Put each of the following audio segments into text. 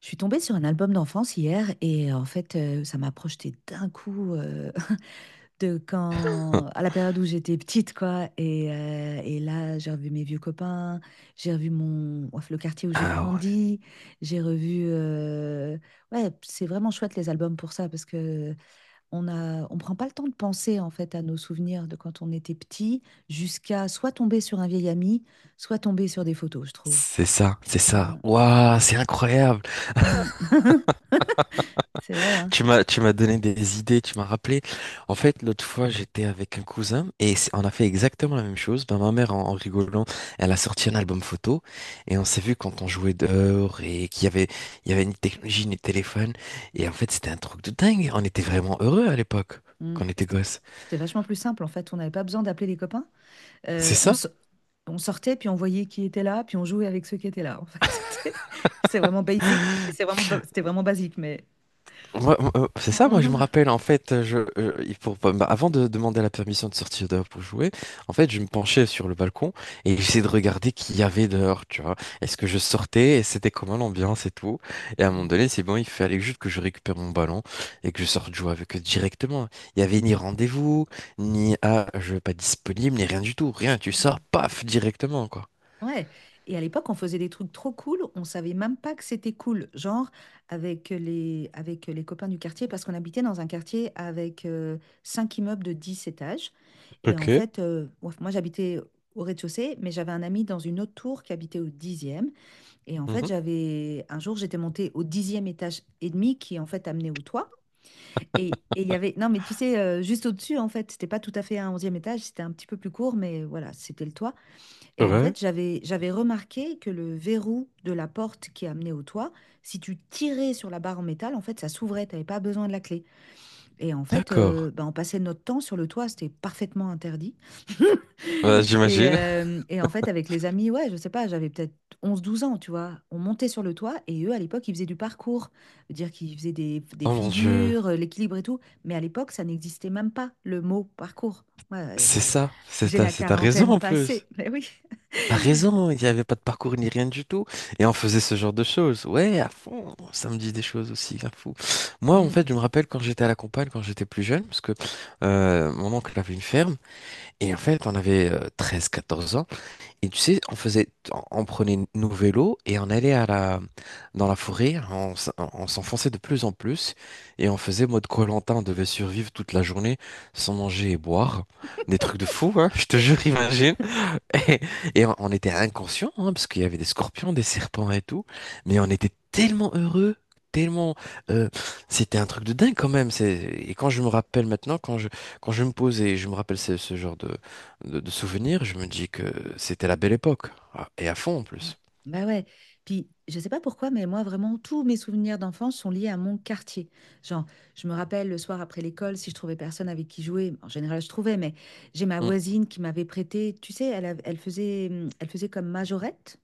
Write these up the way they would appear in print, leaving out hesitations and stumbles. Je suis tombée sur un album d'enfance hier et en fait, ça m'a projeté d'un coup de quand à la période où j'étais petite, quoi. Et là, j'ai revu mes vieux copains, j'ai revu mon ouf, le quartier où j'ai Ah ouais, grandi, j'ai revu. Ouais, c'est vraiment chouette les albums pour ça parce que on prend pas le temps de penser en fait à nos souvenirs de quand on était petit jusqu'à soit tomber sur un vieil ami, soit tomber sur des photos, je trouve. c'est ça, c'est Ouais. ça. Waouh, c'est incroyable. Mm. C'est vrai, hein. Tu m'as donné des idées, tu m'as rappelé. En fait, l'autre fois, j'étais avec un cousin et on a fait exactement la même chose. Ben, ma mère, en rigolant, elle a sorti un album photo et on s'est vu quand on jouait dehors et il y avait ni technologie, ni téléphone. Et en fait, c'était un truc de dingue. On était vraiment heureux à l'époque, Mm. quand on était C'était gosses. c'était vachement plus simple en fait. On n'avait pas besoin d'appeler des copains. C'est Euh, on, ça? so- on sortait, puis on voyait qui était là, puis on jouait avec ceux qui étaient là. En fait, c'était vraiment basique. C'était vraiment basique, mais. Moi, c'est ça, moi je me Mhm. rappelle en fait, je, il faut pas- bah, avant de demander la permission de sortir dehors pour jouer, en fait je me penchais sur le balcon et j'essayais de regarder qu'il y avait dehors, tu vois. Est-ce que je sortais et c'était comment l'ambiance et tout. Et à un moment donné, c'est bon, il fallait juste que je récupère mon ballon et que je sorte jouer avec eux directement. Il n'y avait ni rendez-vous, ni ah, je vais pas disponible, ni rien du tout, rien, tu Mm. sors, paf, directement quoi. Ouais, et à l'époque, on faisait des trucs trop cool, on savait même pas que c'était cool, genre avec les copains du quartier, parce qu'on habitait dans un quartier avec cinq immeubles de 10 étages. Et en Ok. fait, j'habitais au rez-de-chaussée, mais j'avais un ami dans une autre tour qui habitait au dixième. Et en fait, Mhm. j'avais un jour, j'étais montée au dixième étage et demi, qui en fait amenait au toit. Et il y avait, non, Mais tu sais, juste au-dessus, en fait, c'était pas tout à fait un onzième étage, c'était un petit peu plus court, mais voilà, c'était le toit. Et en Ouais. fait, j'avais remarqué que le verrou de la porte qui amenait au toit, si tu tirais sur la barre en métal, en fait, ça s'ouvrait, t'avais pas besoin de la clé. Et en fait, D'accord. Bah, on passait notre temps sur le toit, c'était parfaitement interdit. Bah, j'imagine. Et en fait, avec les amis, ouais, je sais pas, j'avais peut-être onze douze ans, tu vois. On montait sur le toit et eux, à l'époque, ils faisaient du parcours. Dire qu'ils faisaient des Oh mon Dieu. figures, l'équilibre et tout. Mais à l'époque, ça n'existait même pas, le mot parcours. Moi, C'est j'ai ça, j'ai la c'est ta raison quarantaine en plus. passée, mais oui. T'as raison, il n'y avait pas de parcours ni rien du tout. Et on faisait ce genre de choses. Ouais, à fond, ça me dit des choses aussi, la fou. Moi, en fait, je me rappelle quand j'étais à la campagne, quand j'étais plus jeune, parce que mon oncle avait une ferme, et en fait, on avait treize, quatorze ans. Et tu sais, on prenait nos vélos et on allait à la, dans la forêt, on s'enfonçait de plus en plus et on faisait mode koh on devait survivre toute la journée sans manger et boire. Des trucs de fou, hein, je te jure, imagine. Et on était inconscients, hein, parce qu'il y avait des scorpions, des serpents et tout, mais on était tellement heureux, tellement... euh, c'était un truc de dingue quand même. Et quand je me rappelle maintenant, quand je me pose et je me rappelle ce genre de souvenirs, je me dis que c'était la belle époque. Ah, et à fond en Ouais. plus. Bah ouais. Puis, je sais pas pourquoi, mais moi, vraiment, tous mes souvenirs d'enfance sont liés à mon quartier. Genre, je me rappelle le soir après l'école, si je trouvais personne avec qui jouer, en général, je trouvais, mais j'ai ma Mm. voisine qui m'avait prêté, tu sais, elle faisait comme majorette.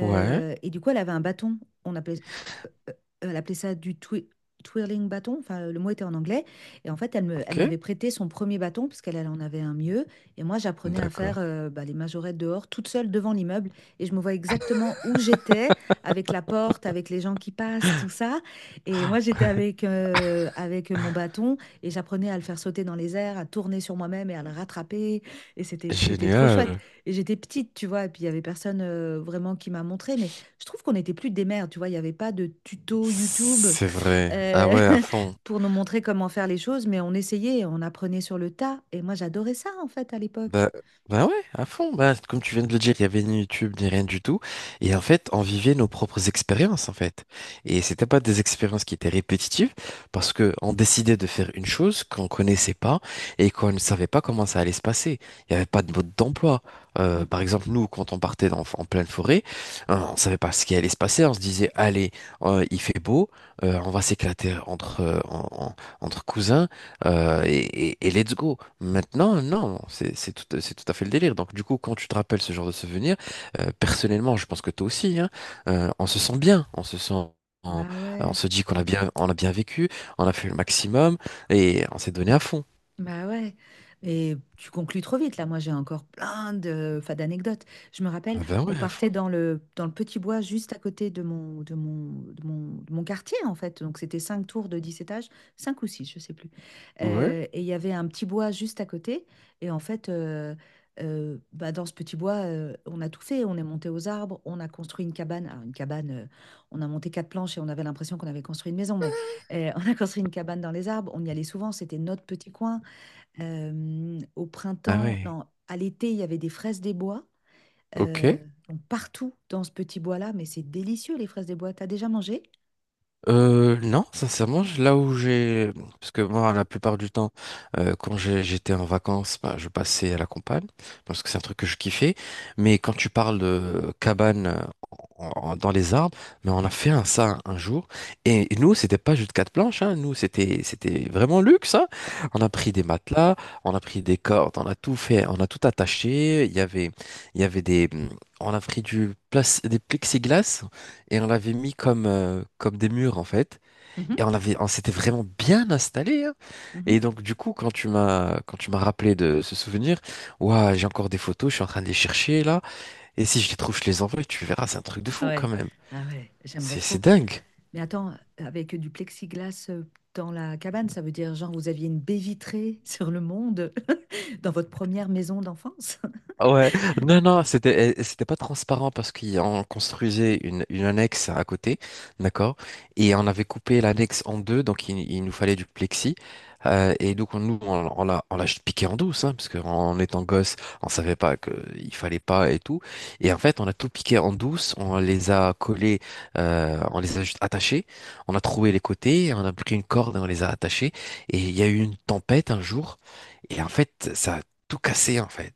Ouais, Et du coup, elle avait un bâton. On appelait, elle appelait ça du twirling bâton. Enfin, le mot était en anglais. Et en fait, ok, elle m'avait prêté son premier bâton parce qu'elle elle en avait un mieux. Et moi, j'apprenais à faire d'accord. Bah, les majorettes dehors, toute seule devant l'immeuble. Et je me vois exactement où j'étais, avec la porte, avec les gens qui passent, tout ça. Et moi, j'étais avec, avec mon bâton et j'apprenais à le faire sauter dans les airs, à tourner sur moi-même et à le rattraper. C'était trop chouette. Génial. Et j'étais petite, tu vois, et puis il y avait personne vraiment qui m'a montré, mais je trouve qu'on n'était plus des mères, tu vois, il n'y avait pas de tuto YouTube C'est vrai. Ah euh, ouais, à fond. pour nous montrer comment faire les choses, mais on essayait, on apprenait sur le tas, et moi j'adorais ça en fait à l'époque. Bah, bah ouais, à fond. Bah, comme tu viens de le dire, il y avait ni YouTube ni rien du tout. Et en fait, on vivait nos propres expériences, en fait. Et c'était pas des expériences qui étaient répétitives, parce que on décidait de faire une chose qu'on connaissait pas et qu'on ne savait pas comment ça allait se passer. Il n'y avait pas de mode d'emploi. Mm. Par exemple, nous, quand on partait en pleine forêt, on savait pas ce qui allait se passer. On se disait, allez, il fait beau, on va s'éclater entre cousins. Et let's go. Maintenant, non, c'est tout à fait le délire. Donc, du coup, quand tu te rappelles ce genre de souvenir, personnellement, je pense que toi aussi, hein, on se sent bien, on, Bah on ouais. se dit on a bien vécu, on a fait le maximum et on s'est donné à fond. Bah ouais, et tu conclus trop vite là. Moi, j'ai encore plein de, enfin, d'anecdotes. Je me rappelle, Ah ben on ouais, à partait fond. Dans le petit bois juste à côté de mon quartier en fait. Donc c'était cinq tours de 10 étages, cinq ou six, je sais plus. Ouais, Et il y avait un petit bois juste à côté. Et en fait, bah, dans ce petit bois, on a tout fait. On est monté aux arbres, on a construit une cabane. Alors, une cabane, on a monté quatre planches et on avait l'impression qu'on avait construit une maison, mais on a construit une cabane dans les arbres. On y allait souvent. C'était notre petit coin. Au ah printemps, ouais. non, à l'été, il y avait des fraises des bois. Ok. euh, donc partout dans ce petit bois-là, mais c'est délicieux les fraises des bois. T'as déjà mangé? Non, sincèrement, parce que moi, la plupart du temps, j'étais en vacances, bah, je passais à la campagne, parce que c'est un truc que je kiffais. Mais quand tu parles de cabane dans les arbres, mais on a fait un, ça un jour. Et, nous, c'était pas juste quatre planches, hein, c'était vraiment luxe, hein. On a pris des matelas, on a pris des cordes, on a tout fait, on a tout attaché. Il y avait des, on a pris du place, des plexiglas et on l'avait mis comme, comme des murs en fait. Mhm, Et on s'était vraiment bien installé, hein. mhm. Et donc du coup, quand tu m'as rappelé de ce souvenir, ouah, j'ai encore des photos, je suis en train de les chercher là. Et si je les trouve, je les envoie. Tu verras, c'est un truc de Ah fou quand ouais, même. ah ouais, j'aimerais C'est trop. dingue. Mais attends, avec du plexiglas dans la cabane, ça veut dire genre vous aviez une baie vitrée sur le monde dans votre première maison d'enfance? Ouais, non, non, c'était pas transparent parce qu'on construisait une annexe à côté, d'accord? Et on avait coupé l'annexe en deux, donc il nous fallait du plexi. Et donc, on, nous, on l'a juste piqué en douce, hein, parce qu'en étant gosse, on savait pas qu'il fallait pas et tout. Et en fait, on a tout piqué en douce, on les a collés, on les a juste attachés, on a trouvé les côtés, on a pris une corde et on les a attachés. Et il y a eu une tempête un jour, et en fait, ça a tout cassé, en fait.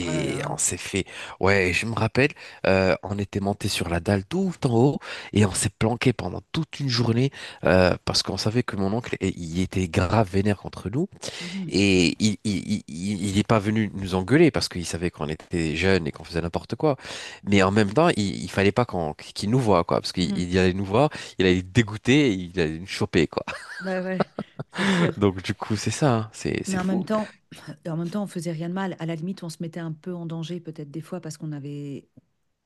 Oh là là. on s'est fait, ouais, je me rappelle, on était monté sur la dalle tout en haut et on s'est planqué pendant toute une journée parce qu'on savait que mon oncle, eh, il était grave vénère contre nous Mhm, et il est pas venu nous engueuler parce qu'il savait qu'on était jeunes et qu'on faisait n'importe quoi. Mais en même temps, il fallait pas qu'il nous voie quoi, parce qu'mhm. il allait nous voir, il allait être il allait nous choper quoi. Bah ouais, c'est sûr. Donc du coup, c'est ça, hein, Mais c'est en même fou, temps, en même temps, on faisait rien de mal. À la limite, on se mettait un peu en danger peut-être des fois parce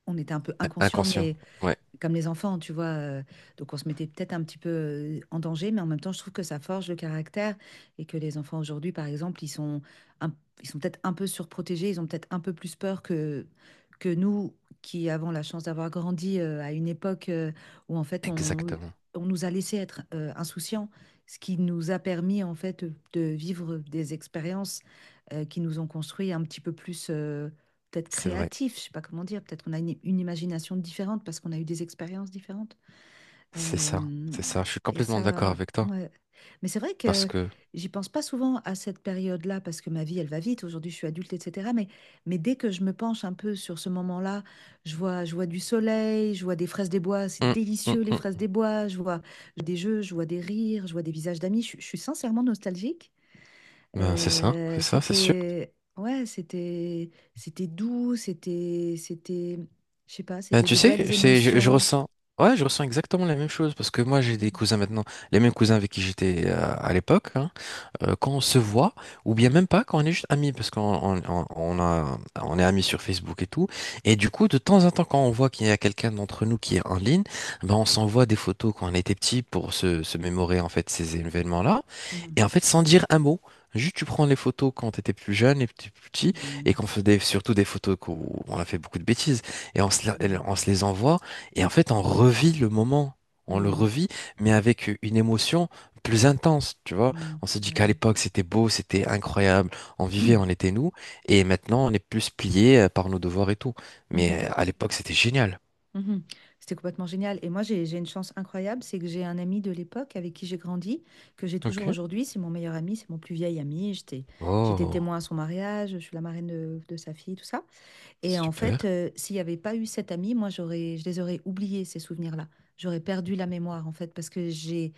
on était un peu inconscient, inconscient. mais Ouais, comme les enfants, tu vois. Donc on se mettait peut-être un petit peu en danger, mais en même temps, je trouve que ça forge le caractère et que les enfants aujourd'hui, par exemple, un- ils sont peut-être un peu surprotégés, ils ont peut-être un peu plus peur que nous qui avons la chance d'avoir grandi à une époque où exactement, on nous a laissé être insouciants, ce qui nous a permis en fait de vivre des expériences qui nous ont construit un petit peu plus peut-être c'est vrai. créatif, je sais pas comment dire, peut-être qu'on a une imagination différente parce qu'on a eu des expériences différentes. C'est ça, Euh, c'est ça. Je suis et complètement d'accord ça, avec toi. ouais. Mais c'est vrai Parce que que. j'y pense pas souvent à cette période-là parce que ma vie, elle va vite. Aujourd'hui, je suis adulte, etc. Mais dès que je me penche un peu sur ce moment-là, je vois du soleil, je vois des fraises des bois, c'est Hum, hum, délicieux les fraises hum. des bois, je vois des jeux, je vois des rires, je vois des visages d'amis. Je suis sincèrement nostalgique. Ben, c'est ça, c'est ça, c'est sûr. C'était c'était doux, c'était je sais pas, Ben, c'était tu des sais, belles c'est, je émotions. ressens. Ouais, je ressens exactement la même chose. Parce que moi, j'ai des Mm. cousins maintenant. Les mêmes cousins avec qui j'étais à l'époque, hein. Quand on se voit, ou bien même pas quand on est juste amis, parce qu'on on a, on est amis sur Facebook et tout. Et du coup, de temps en temps, quand on voit qu'il y a quelqu'un d'entre nous qui est en ligne, ben on s'envoie des photos quand on était petit pour se mémorer en fait ces événements-là. Mm. Et en fait, sans dire un mot. Juste, tu prends les photos quand t'étais plus jeune et plus petit, et Mm. qu'on faisait surtout des photos où on a fait beaucoup de bêtises, et on se les envoie, et en fait, on revit le moment, on le Mm. revit, mais avec une émotion plus intense, tu vois. Mm. On s'est Mm. dit Ah qu'à ouais. l'époque, c'était beau, c'était incroyable. On vivait, on était nous. Et maintenant, on est plus plié par nos devoirs et tout. Mais Mhm. À l'époque, c'était génial. Mhm. C'était complètement génial. Et moi, j'ai une chance incroyable, c'est que j'ai un ami de l'époque avec qui j'ai grandi, que j'ai toujours Ok. aujourd'hui. C'est mon meilleur ami, c'est mon plus vieil ami. J'étais Oh, témoin à son mariage, je suis la marraine de sa fille, tout ça. Et en super. fait, s'il n'y avait pas eu cette amie, moi, je les aurais oubliés, ces souvenirs-là. J'aurais perdu la mémoire, en fait, parce que j'ai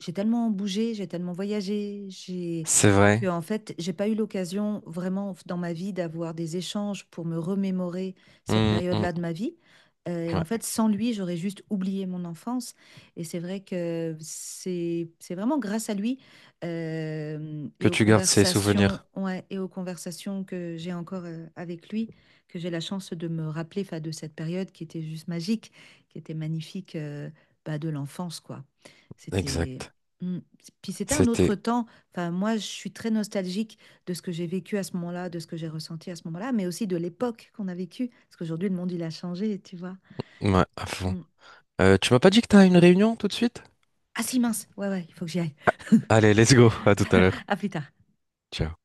j'ai tellement bougé, j'ai tellement voyagé, j'ai C'est vrai. que en fait, j'ai pas eu l'occasion vraiment dans ma vie d'avoir des échanges pour me remémorer cette Hum, hum, période-là de ma vie. Et en ouais. fait, sans lui, j'aurais juste oublié mon enfance. Et c'est vrai que c'est vraiment grâce à lui Que tu gardes ces souvenirs. Et aux conversations que j'ai encore avec lui que j'ai la chance de me rappeler 'fin, de cette période qui était juste magique, qui était magnifique bah, de l'enfance, quoi. C'était Exact. Mm. Puis c'était un autre C'était... temps. Enfin, moi, je suis très nostalgique de ce que j'ai vécu à ce moment-là, de ce que j'ai ressenti à ce moment-là, mais aussi de l'époque qu'on a vécue. Parce qu'aujourd'hui, le monde, il a changé, tu vois. Ouais, à fond. Mm. Tu m'as pas dit que t'as une réunion tout de suite? Ah si, mince. Ouais, ouais, il faut que j'y aille. Allez, let's go. À tout à l'heure. À plus tard. Ciao.